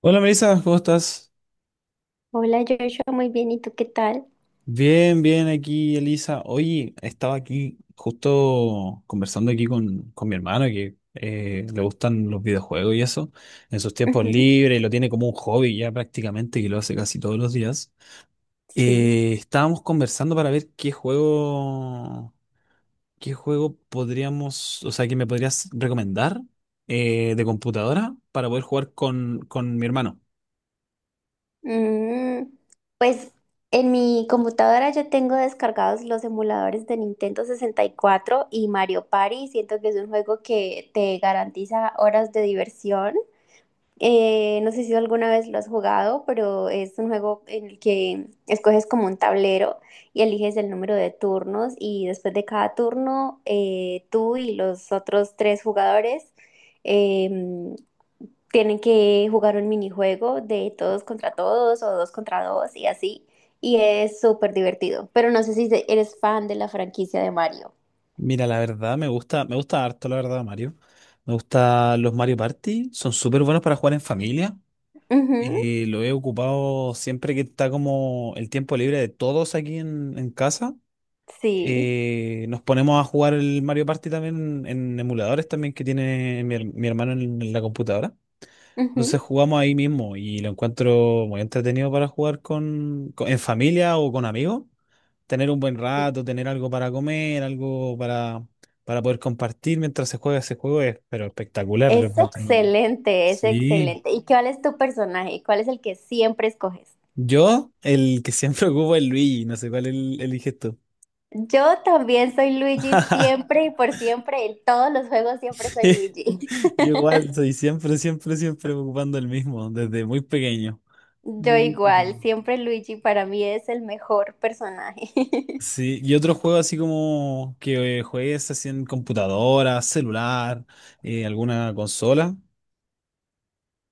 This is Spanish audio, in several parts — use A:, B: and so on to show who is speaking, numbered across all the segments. A: Hola Melissa, ¿cómo estás?
B: Hola Joshua, muy bien, ¿y tú qué tal?
A: Bien, bien aquí, Elisa. Oye, estaba aquí justo conversando aquí con mi hermano que le gustan los videojuegos y eso, en sus tiempos
B: Ujú.
A: libres, y lo tiene como un hobby ya prácticamente, que lo hace casi todos los días.
B: Sí.
A: Estábamos conversando para ver qué juego podríamos, o sea, que me podrías recomendar de computadora para poder jugar con mi hermano.
B: Mm, pues en mi computadora yo tengo descargados los emuladores de Nintendo sesenta y cuatro y Mario Party. Siento que es un juego que te garantiza horas de diversión. No sé si alguna vez lo has jugado, pero es un juego en el que escoges como un tablero y eliges el número de turnos y después de cada turno tú y los otros tres jugadores em, tienen que jugar un minijuego de todos contra todos o dos contra dos y así. Y es súper divertido, pero no sé si eres fan de la franquicia de Mario.
A: Mira, la verdad me gusta harto, la verdad, Mario. Me gustan los Mario Party, son súper buenos para jugar en familia.
B: Ujú,
A: Lo he ocupado siempre que está como el tiempo libre de todos aquí en casa.
B: sí.
A: Nos ponemos a jugar el Mario Party también en emuladores también que tiene mi hermano en la computadora. Entonces
B: Ujú.
A: jugamos ahí mismo y lo encuentro muy entretenido para jugar en familia o con amigos, tener un buen rato, tener algo para comer, algo para poder compartir mientras se juega ese juego es, pero espectacular, lo
B: Es
A: encuentro.
B: excelente, es
A: Sí.
B: excelente. ¿Y cuál es tu personaje? ¿Cuál es el que siempre escoges?
A: Yo, el que siempre ocupo es Luigi, no sé cuál el, eliges tú.
B: Yo también soy Luigi, siempre y por siempre, en todos los juegos siempre soy Luigi.
A: Yo igual soy siempre, siempre, siempre ocupando el mismo, desde muy pequeño. Muy,
B: Yo
A: muy
B: igual,
A: pequeño.
B: siempre Luigi para mí es el mejor personaje.
A: Sí, ¿y otro juego así como que juegues así en computadora, celular, alguna consola?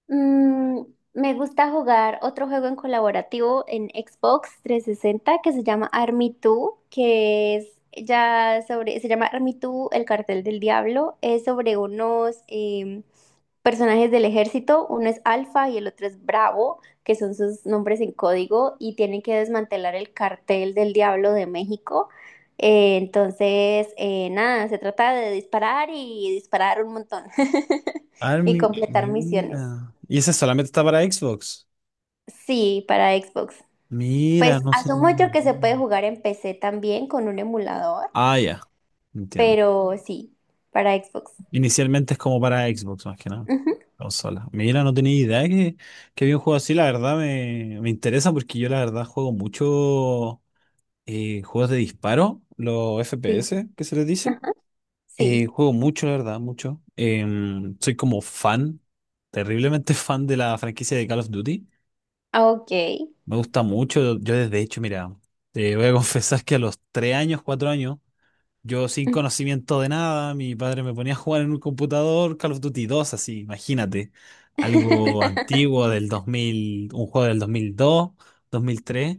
B: Mm, Me gusta jugar otro juego en colaborativo en Xbox 360 que se llama Army 2, que es ya sobre, se llama Army 2, el cartel del diablo, es sobre unos... personajes del ejército, uno es Alfa y el otro es Bravo, que son sus nombres en código, y tienen que desmantelar el cartel del Diablo de México. Entonces, nada, se trata de disparar y disparar un montón y
A: Army,
B: completar misiones.
A: mira. ¿Y ese solamente está para Xbox?
B: Sí, para Xbox.
A: Mira,
B: Pues
A: no sé.
B: asumo yo que se puede jugar en PC también con un emulador,
A: Ah, ya. Entiendo.
B: pero sí, para Xbox.
A: Inicialmente es como para Xbox más que nada.
B: Ujú.
A: Consola. Mira, no tenía idea que había un juego así. La verdad me, me interesa porque yo la verdad juego mucho juegos de disparo, los
B: Sí,
A: FPS que se les dice.
B: ajá, sí.
A: Juego mucho, la verdad, mucho. Soy como fan, terriblemente fan de la franquicia de Call of Duty.
B: Ah, ok.
A: Me gusta mucho. Yo desde hecho, mira, te voy a confesar que a los 3 años, 4 años. Yo sin conocimiento de nada, mi padre me ponía a jugar en un computador Call of Duty 2 así, imagínate. Algo antiguo del 2000, un juego del 2002, 2003.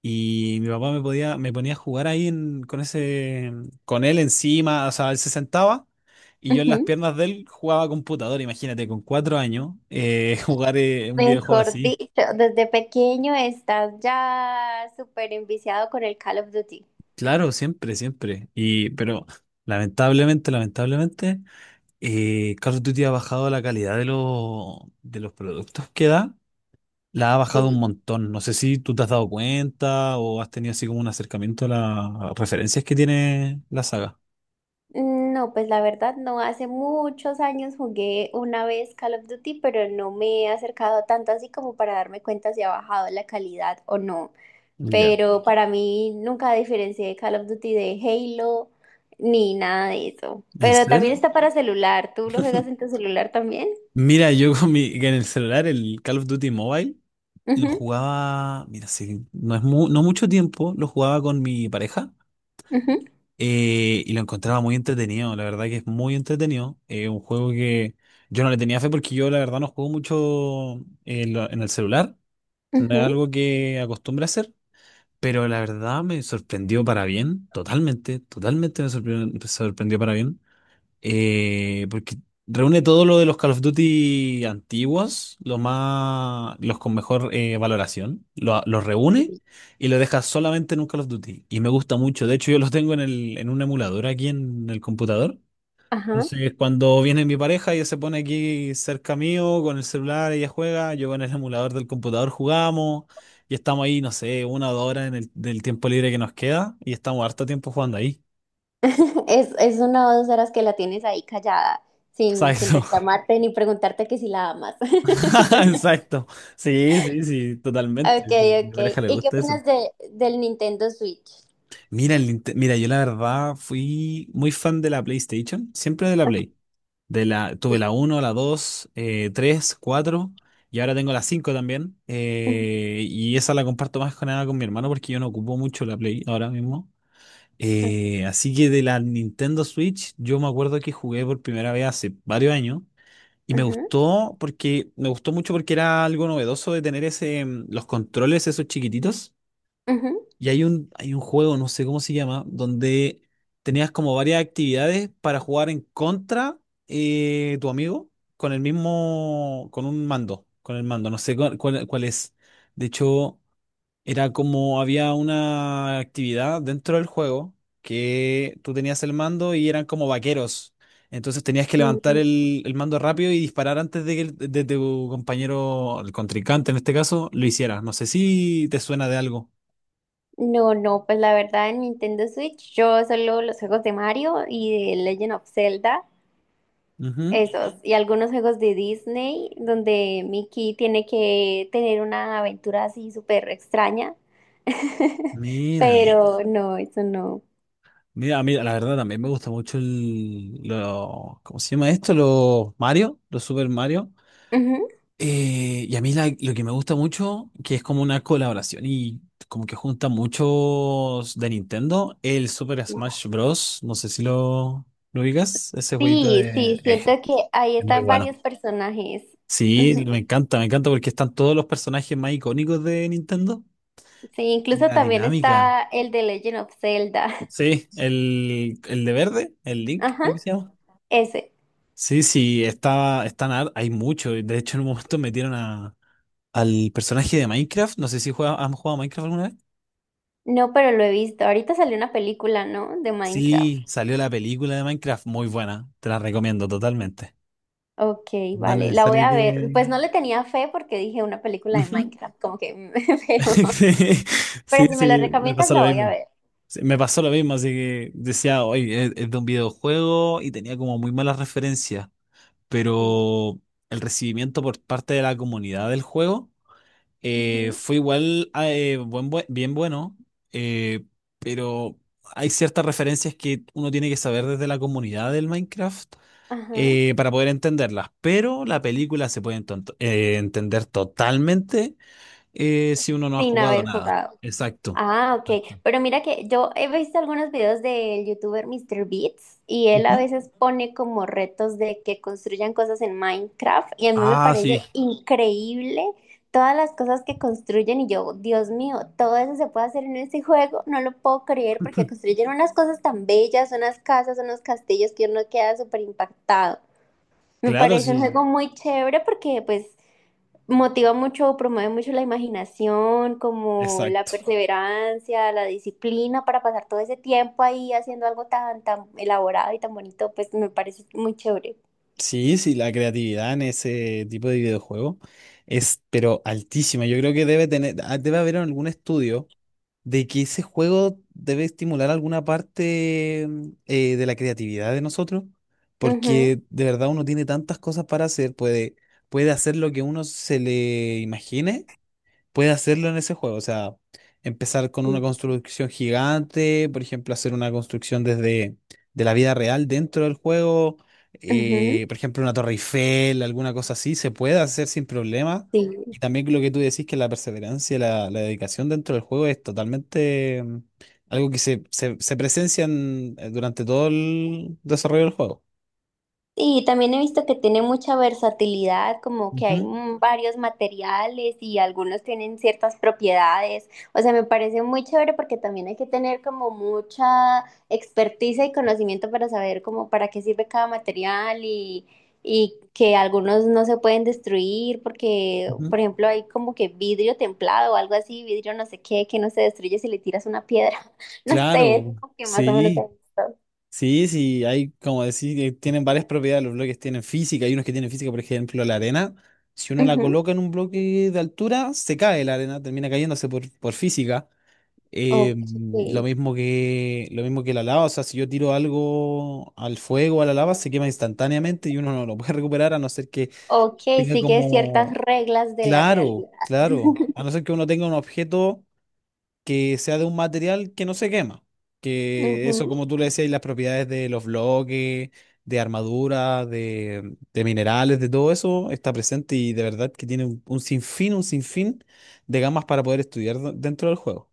A: Y mi papá me podía, me ponía a jugar ahí con ese, con él encima, o sea, él se sentaba y yo en las
B: Ujú.
A: piernas de él jugaba computador, imagínate, con cuatro años, jugar un videojuego
B: Mejor
A: así.
B: dicho, desde pequeño estás ya súper enviciado con el Call of Duty.
A: Claro, siempre, siempre. Y, pero lamentablemente, lamentablemente, Call of Duty ha bajado la calidad de los productos que da, la ha bajado un
B: Sí.
A: montón. No sé si tú te has dado cuenta o has tenido así como un acercamiento a las referencias que tiene la saga.
B: No, pues la verdad no, hace muchos años jugué una vez Call of Duty, pero no me he acercado tanto así como para darme cuenta si ha bajado la calidad o no.
A: Ya.
B: Pero para mí nunca diferencié Call of Duty de Halo ni nada de eso.
A: ¿En
B: Pero también
A: serio?
B: está para celular, ¿tú lo juegas en tu celular también?
A: Mira, yo con mi, en el celular, el Call of Duty Mobile, lo
B: Ujú,
A: jugaba, mira, sí, no mucho tiempo, lo jugaba con mi pareja.
B: ujú,
A: Y lo encontraba muy entretenido, la verdad que es muy entretenido. Un juego que yo no le tenía fe porque yo la verdad no juego mucho en el celular, no es algo que acostumbre a hacer, pero la verdad me sorprendió para bien, totalmente, totalmente me sorprendió, sorprendió para bien. Porque reúne todo lo de los Call of Duty antiguos, los más, los con mejor valoración, los reúne
B: ujú.
A: y los deja solamente en un Call of Duty. Y me gusta mucho. De hecho, yo los tengo en un emulador aquí en el computador.
B: Ajá.
A: Entonces, cuando viene mi pareja, ella se pone aquí cerca mío con el celular, ella juega, yo con el emulador del computador jugamos y estamos ahí, no sé, una o dos horas en del tiempo libre que nos queda y estamos harto tiempo jugando ahí.
B: Es una o dos horas que la tienes ahí callada, sin,
A: ¿Sabes?
B: sin reclamarte ni preguntarte que si la amas.
A: Exacto. Sí, sí, sí,
B: Ok,
A: totalmente. Sí, a mi
B: ok.
A: pareja le
B: ¿Y qué
A: gusta eso.
B: opinas de, del Nintendo Switch?
A: Mira, yo la verdad fui muy fan de la PlayStation, siempre de la
B: Ah,
A: Play. De la,
B: sí.
A: tuve la uno, la 2, 3, 4 y ahora tengo la 5 también.
B: Ujú.
A: Y esa la comparto más que nada con mi hermano porque yo no ocupo mucho la Play ahora mismo.
B: Ok.
A: Así que de la Nintendo Switch, yo me acuerdo que jugué por primera vez hace varios años. Y me
B: Ujú,
A: gustó porque me gustó mucho porque era algo novedoso de tener ese los controles esos chiquititos.
B: ujú.
A: Y hay un juego, no sé cómo se llama, donde tenías como varias actividades para jugar en contra tu amigo con el mismo con un mando, con el mando, no sé cuál es. De hecho, era como había una actividad dentro del juego que tú tenías el mando y eran como vaqueros. Entonces tenías que levantar
B: Mm,
A: el mando rápido y disparar antes de que de tu compañero, el contrincante en este caso, lo hiciera. No sé si te suena de algo.
B: No, no, pues la verdad en Nintendo Switch yo solo los juegos de Mario y de Legend of Zelda.
A: Ujú.
B: Esos, y algunos juegos de Disney donde Mickey tiene que tener una aventura así súper extraña.
A: Mira,
B: Pero no, eso no.
A: mira, a mí la verdad también me gusta mucho el, lo, ¿cómo se llama esto? Los Mario, los Super Mario.
B: Ujú.
A: Y a mí lo que me gusta mucho, que es como una colaboración y como que junta muchos de Nintendo, el Super Smash Bros. No sé si lo, lo ubicas, ese jueguito
B: Sí,
A: de...
B: sí, siento que ahí
A: es muy
B: están
A: bueno.
B: varios personajes.
A: Sí,
B: Ujú.
A: me encanta porque están todos los personajes más icónicos de Nintendo
B: Sí,
A: y
B: incluso
A: la
B: también
A: dinámica.
B: está el de Legend of Zelda.
A: Sí, el de verde, el Link,
B: Ajá,
A: creo que se llama.
B: ese.
A: Sí, sí, está, están, hay mucho. De hecho, en un momento metieron al personaje de Minecraft. No sé si juega, han jugado a Minecraft alguna vez.
B: No, pero lo he visto. Ahorita salió una película, ¿no? De
A: Sí,
B: Minecraft.
A: salió la película de Minecraft, muy buena, te la recomiendo totalmente.
B: Ok,
A: No es
B: vale, la voy
A: necesario
B: a ver.
A: que...
B: Pues no le tenía fe porque dije una película de
A: Ujú.
B: Minecraft, como que, pero
A: Sí,
B: Pero si me lo
A: sí, me
B: recomiendas,
A: pasó lo
B: la voy a
A: mismo.
B: ver.
A: Sí, me pasó lo mismo, así que decía, oye, es de un videojuego y tenía como muy malas referencias,
B: Sí.
A: pero el recibimiento por parte de la comunidad del juego
B: Ujú.
A: fue igual bien bueno, eh, pero hay ciertas referencias que uno tiene que saber desde la comunidad del Minecraft
B: Ajá.
A: para poder entenderlas, pero la película se puede entender totalmente si uno no ha
B: Sin
A: jugado
B: haber
A: nada.
B: jugado.
A: Exacto.
B: Ah, ok.
A: Exacto.
B: Pero mira que yo he visto algunos videos del youtuber Mr. Beats y él a
A: Ujú.
B: veces pone como retos de que construyan cosas en Minecraft y a mí me
A: Ah,
B: parece
A: sí.
B: increíble todas las cosas que construyen y yo, Dios mío, todo eso se puede hacer en este juego, no lo puedo creer porque construyen unas cosas tan bellas, unas casas, unos castillos que uno queda súper impactado. Me
A: Claro,
B: parece un
A: sí,
B: juego muy chévere porque pues motiva mucho, promueve mucho la imaginación, como la
A: exacto.
B: perseverancia, la disciplina para pasar todo ese tiempo ahí haciendo algo tan, tan elaborado y tan bonito, pues me parece muy chévere.
A: Sí, sí, la creatividad en ese tipo de videojuego es, pero altísima. Yo creo que debe tener, ah, debe haber algún estudio de que ese juego debe estimular alguna parte de la creatividad de nosotros,
B: Ujú,
A: porque de verdad uno tiene tantas cosas para hacer, puede, puede hacer lo que uno se le imagine, puede hacerlo en ese juego. O sea, empezar con una
B: sí.
A: construcción gigante, por ejemplo, hacer una construcción desde de la vida real dentro del juego,
B: Ujú,
A: por ejemplo, una torre Eiffel, alguna cosa así, se puede hacer sin problema.
B: sí.
A: Y también lo que tú decís, que la perseverancia y la dedicación dentro del juego es totalmente algo que se presencia durante todo el desarrollo del juego.
B: Sí, también he visto que tiene mucha versatilidad, como que hay
A: Ujú,
B: varios materiales y algunos tienen ciertas propiedades. O sea, me parece muy chévere porque también hay que tener como mucha experticia y conocimiento para saber como para qué sirve cada material y que algunos no se pueden destruir porque,
A: ujú.
B: por ejemplo, hay como que vidrio templado o algo así, vidrio no sé qué, que no se destruye si le tiras una piedra. No sé, es
A: Claro,
B: como que más o menos he
A: sí.
B: visto.
A: Sí, sí, hay, como decir, tienen varias propiedades, los bloques tienen física, hay unos que tienen física, por ejemplo, la arena. Si uno la
B: Ujú.
A: coloca en un bloque de altura, se cae la arena, termina cayéndose por física.
B: Ok.
A: Lo mismo que la lava, o sea, si yo tiro algo al fuego, a la lava, se quema instantáneamente y uno no lo puede recuperar a no ser que
B: Ok,
A: tenga
B: sigue ciertas
A: como,
B: reglas de la
A: claro,
B: realidad.
A: claro, a no ser que uno tenga un objeto que sea de un material que no se quema. Que eso,
B: Ujú.
A: como tú le decías, y las propiedades de los bloques, de armadura, de minerales, de todo eso, está presente y de verdad que tiene un sinfín de gamas para poder estudiar dentro del juego.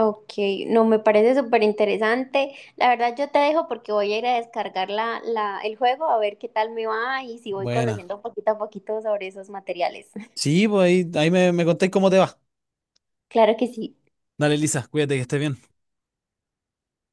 B: Ok, no, me parece súper interesante. La verdad, yo te dejo porque voy a ir a descargar la, la, el juego a ver qué tal me va y si voy
A: Buena.
B: conociendo poquito a poquito sobre esos materiales.
A: Sí, pues ahí, ahí me, me contáis cómo te va.
B: Claro que sí.
A: Dale, Lisa, cuídate que estés bien.